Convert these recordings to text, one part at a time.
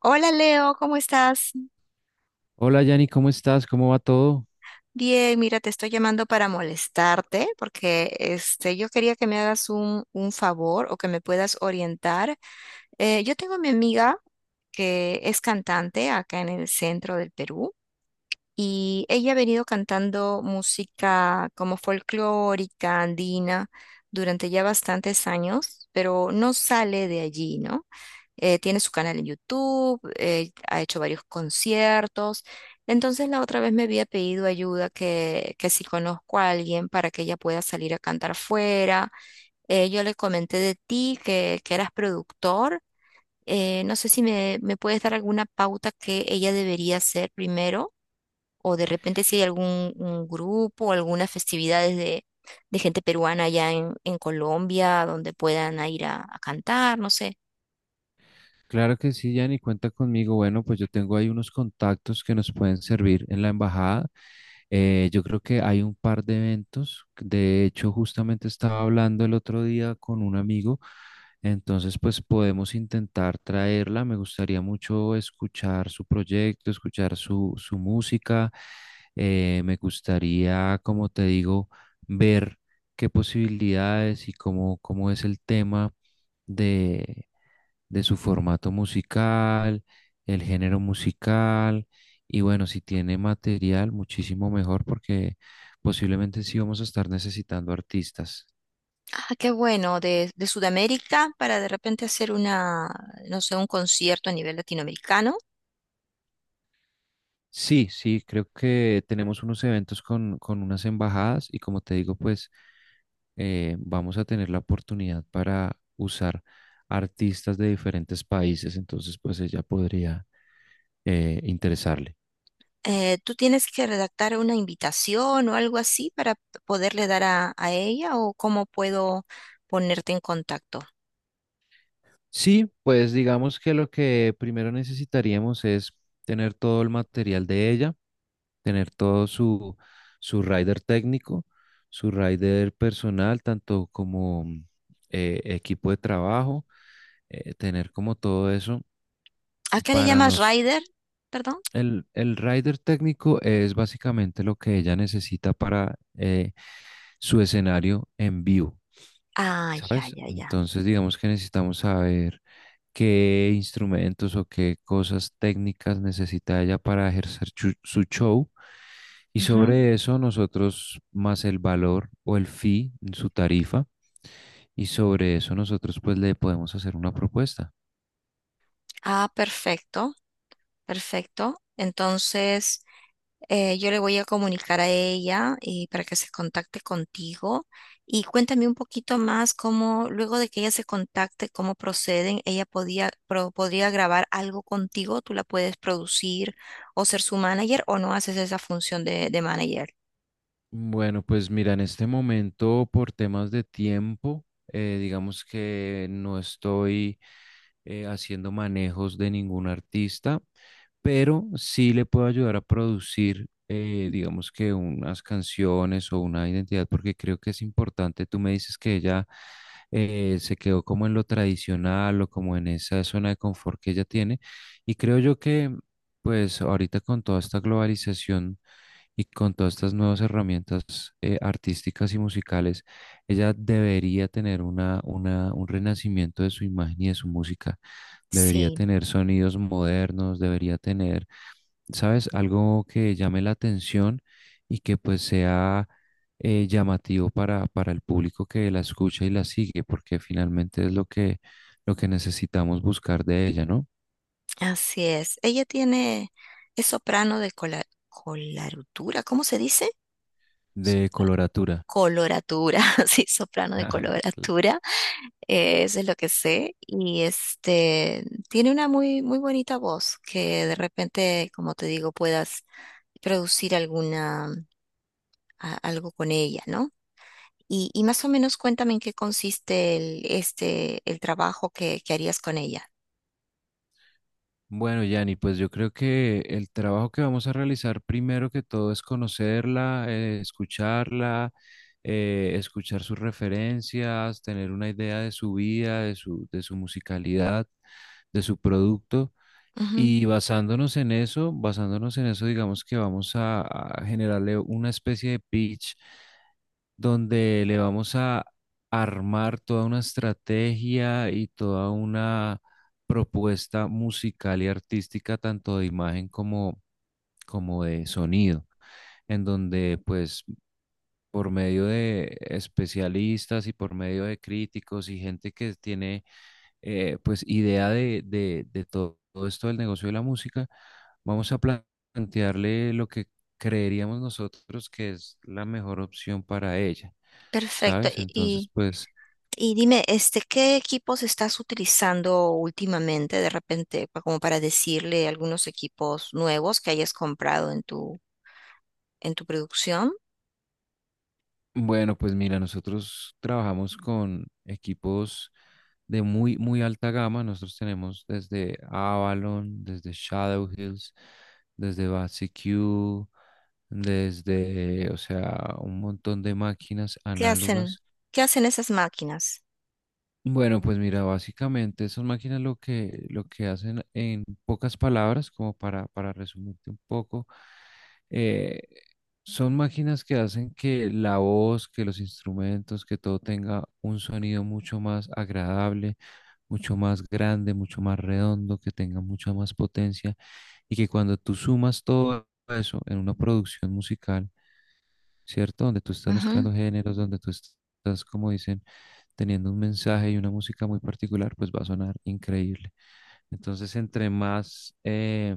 Hola Leo, ¿cómo estás? Hola Yanni, ¿cómo estás? ¿Cómo va todo? Bien, mira, te estoy llamando para molestarte porque yo quería que me hagas un favor o que me puedas orientar. Yo tengo a mi amiga que es cantante acá en el centro del Perú y ella ha venido cantando música como folclórica, andina, durante ya bastantes años, pero no sale de allí, ¿no? Tiene su canal en YouTube. Eh, ha hecho varios conciertos. Entonces la otra vez me había pedido ayuda que si conozco a alguien para que ella pueda salir a cantar fuera. Yo le comenté de ti que eras productor. No sé si me puedes dar alguna pauta que ella debería hacer primero, o de repente si hay algún un grupo o algunas festividades de gente peruana allá en Colombia donde puedan ir a cantar, no sé. Claro que sí, Yanni, cuenta conmigo. Bueno, pues yo tengo ahí unos contactos que nos pueden servir en la embajada. Yo creo que hay un par de eventos. De hecho, justamente estaba hablando el otro día con un amigo. Entonces, pues podemos intentar traerla. Me gustaría mucho escuchar su proyecto, escuchar su música. Me gustaría, como te digo, ver qué posibilidades y cómo, cómo es el tema de de su formato musical, el género musical, y bueno, si tiene material, muchísimo mejor porque posiblemente sí vamos a estar necesitando artistas. Ah, qué bueno, de Sudamérica para de repente hacer una, no sé, un concierto a nivel latinoamericano. Sí, sí, creo que tenemos unos eventos con unas embajadas y como te digo, pues vamos a tener la oportunidad para usar artistas de diferentes países, entonces pues ella podría interesarle. ¿tú tienes que redactar una invitación o algo así para poderle dar a ella, o cómo puedo ponerte en contacto? Sí, pues digamos que lo que primero necesitaríamos es tener todo el material de ella, tener todo su rider técnico, su rider personal, tanto como equipo de trabajo, tener como todo eso ¿A qué le para llamas nos... rider? Perdón. El rider técnico es básicamente lo que ella necesita para su escenario en vivo. Ah, ya, ¿Sabes? ya, ya. Entonces, digamos que necesitamos saber qué instrumentos o qué cosas técnicas necesita ella para ejercer su show. Y Ujú. sobre eso nosotros, más el valor o el fee, su tarifa, y sobre eso nosotros pues le podemos hacer una propuesta. Ah, perfecto, perfecto. Entonces, yo le voy a comunicar a ella, para que se contacte contigo, y cuéntame un poquito más cómo, luego de que ella se contacte, cómo proceden. Ella podía, podría grabar algo contigo, tú la puedes producir o ser su manager, o no haces esa función de manager. Bueno, pues mira, en este momento por temas de tiempo, digamos que no estoy haciendo manejos de ningún artista, pero sí le puedo ayudar a producir, digamos que unas canciones o una identidad, porque creo que es importante. Tú me dices que ella se quedó como en lo tradicional o como en esa zona de confort que ella tiene, y creo yo que, pues ahorita con toda esta globalización y con todas estas nuevas herramientas artísticas y musicales, ella debería tener un renacimiento de su imagen y de su música. Debería Sí, tener sonidos modernos, debería tener, ¿sabes? Algo que llame la atención y que pues sea llamativo para el público que la escucha y la sigue, porque finalmente es lo lo que necesitamos buscar de ella, ¿no? así es. Ella tiene, es soprano de cola, colarutura, ¿cómo se dice? De coloratura. Coloratura, sí, soprano de coloratura. Eso es lo que sé. Y tiene una muy, muy bonita voz que de repente, como te digo, puedas producir alguna, algo con ella, ¿no? Y más o menos cuéntame en qué consiste el trabajo que harías con ella. Bueno, Yanni, pues yo creo que el trabajo que vamos a realizar primero que todo es conocerla, escucharla, escuchar sus referencias, tener una idea de su vida, de de su musicalidad, de su producto. Ujú. Y basándonos en eso, digamos que vamos a generarle una especie de pitch donde le vamos a armar toda una estrategia y toda una propuesta musical y artística, tanto de imagen como, como de sonido, en donde pues por medio de especialistas y por medio de críticos y gente que tiene pues idea de todo esto del negocio de la música, vamos a plantearle lo que creeríamos nosotros que es la mejor opción para ella, Perfecto. ¿sabes? Entonces, pues, Y dime, ¿qué equipos estás utilizando últimamente de repente, como para decirle algunos equipos nuevos que hayas comprado en tu producción? bueno, pues mira, nosotros trabajamos con equipos de muy, muy alta gama. Nosotros tenemos desde Avalon, desde Shadow Hills, desde BASIQ, desde, o sea, un montón de máquinas ¿Qué hacen? análogas. ¿Qué hacen esas máquinas? Bueno, pues mira, básicamente esas máquinas lo que hacen en pocas palabras, como para resumirte un poco, eh, son máquinas que hacen que la voz, que los instrumentos, que todo tenga un sonido mucho más agradable, mucho más grande, mucho más redondo, que tenga mucha más potencia y que cuando tú sumas todo eso en una producción musical, ¿cierto? Donde tú estás Ujú. mezclando géneros, donde tú estás, como dicen, teniendo un mensaje y una música muy particular, pues va a sonar increíble. Entonces, entre más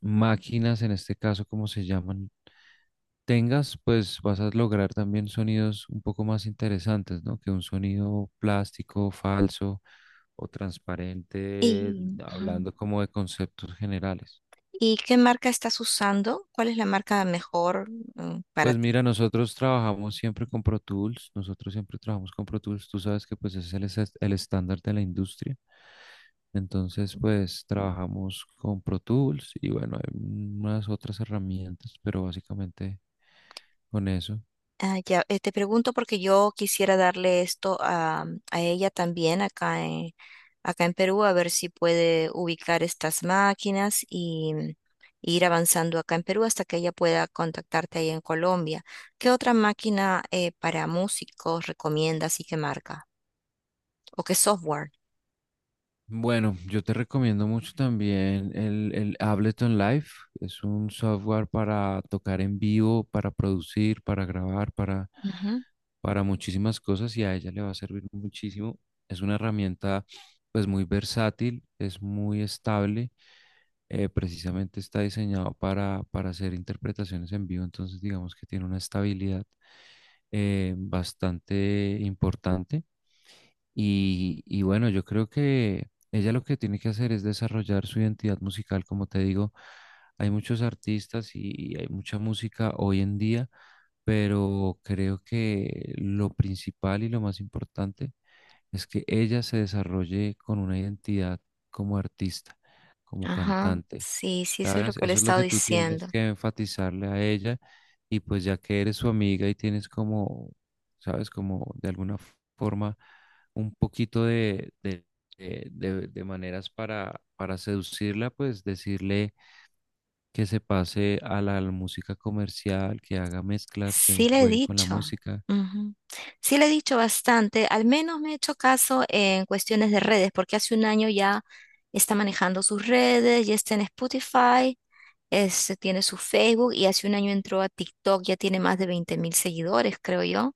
máquinas, en este caso, como se llaman, tengas, pues vas a lograr también sonidos un poco más interesantes, ¿no? Que un sonido plástico, falso o transparente, Y, ujú. hablando como de conceptos generales. ¿Y qué marca estás usando? ¿Cuál es la marca mejor, para… Pues mira, nosotros trabajamos siempre con Pro Tools, nosotros siempre trabajamos con Pro Tools, tú sabes que pues es el, el estándar de la industria, entonces pues trabajamos con Pro Tools y bueno, hay unas otras herramientas, pero básicamente con eso. Ah, ya. Te pregunto porque yo quisiera darle esto a ella también acá en Perú, a ver si puede ubicar estas máquinas y ir avanzando acá en Perú hasta que ella pueda contactarte ahí en Colombia. ¿Qué otra máquina para músicos recomiendas y qué marca? ¿O qué software? Bueno, yo te recomiendo mucho también el Ableton Live. Es un software para tocar en vivo, para producir, para grabar, Ujú. para muchísimas cosas y a ella le va a servir muchísimo. Es una herramienta pues muy versátil, es muy estable. Precisamente está diseñado para hacer interpretaciones en vivo, entonces digamos que tiene una estabilidad bastante importante. Y bueno, yo creo que ella lo que tiene que hacer es desarrollar su identidad musical. Como te digo, hay muchos artistas y hay mucha música hoy en día, pero creo que lo principal y lo más importante es que ella se desarrolle con una identidad como artista, como Ajá, cantante. sí, sí, eso es lo ¿Sabes? que le he Eso es lo estado que tú tienes diciendo. que enfatizarle a ella y pues ya que eres su amiga y tienes como, ¿sabes? Como de alguna forma un poquito de maneras para seducirla, pues decirle que se pase a la música comercial, que haga mezclas, que Sí le he juegue con la dicho. música. Ujú. Sí le he dicho bastante. Al menos me he hecho caso en cuestiones de redes, porque hace un año ya está manejando sus redes, ya está en Spotify, tiene su Facebook, y hace un año entró a TikTok, ya tiene más de 20,000 seguidores, creo yo.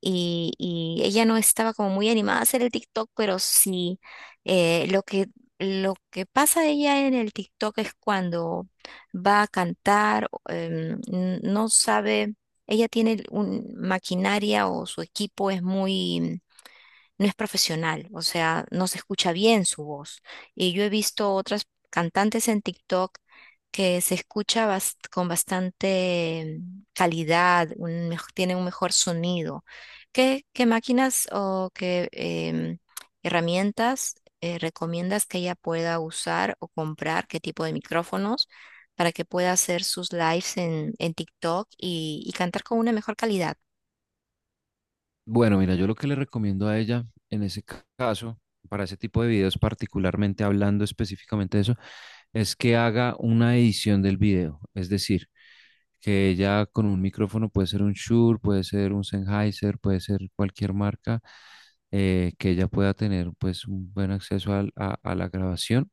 Y, y ella no estaba como muy animada a hacer el TikTok, pero sí. eh, lo que, lo que pasa de ella en el TikTok es cuando va a cantar, o, no sabe, ella tiene un maquinaria, o su equipo es muy… no es profesional, o sea, no se escucha bien su voz. Y yo he visto otras cantantes en TikTok que se escucha con bastante calidad, un tiene un mejor sonido. ¿ qué máquinas o qué herramientas recomiendas que ella pueda usar o comprar? ¿Qué tipo de micrófonos para que pueda hacer sus lives en TikTok, y cantar con una mejor calidad? Bueno, mira, yo lo que le recomiendo a ella en ese caso, para ese tipo de videos, particularmente hablando específicamente de eso, es que haga una edición del video. Es decir, que ella con un micrófono puede ser un Shure, puede ser un Sennheiser, puede ser cualquier marca, que ella pueda tener pues un buen a la grabación,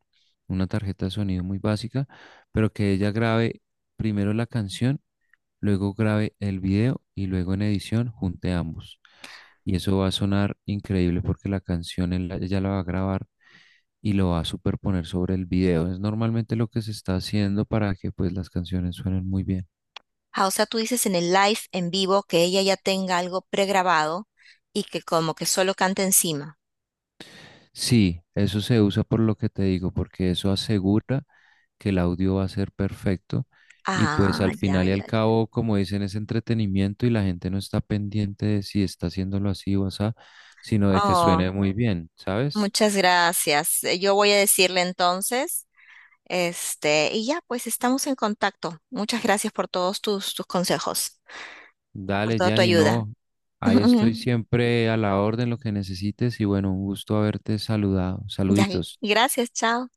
una tarjeta de sonido muy básica, pero que ella grabe primero la canción, luego grabe el video y luego en edición junte ambos. Y eso va a sonar increíble porque la canción ella la va a grabar y lo va a superponer sobre el video. Es normalmente lo que se está haciendo para que pues las canciones suenen muy bien. Ah, o sea, tú dices en el live en vivo que ella ya tenga algo pregrabado, y que como que solo cante encima. Sí, eso se usa por lo que te digo, porque eso asegura que el audio va a ser perfecto y pues Ah, al ya, final y al ya, ya. cabo, como dicen, es entretenimiento y la gente no está pendiente de si está haciéndolo así o así, sino de que suene Oh, muy bien, ¿sabes? muchas gracias. Yo voy a decirle entonces, y ya, pues estamos en contacto. Muchas gracias por todos tus consejos, por Dale, toda tu Gianni, ayuda. no. Ahí estoy siempre a la orden, lo que necesites. Y bueno, un gusto haberte saludado. Ya, Saluditos. gracias, chao.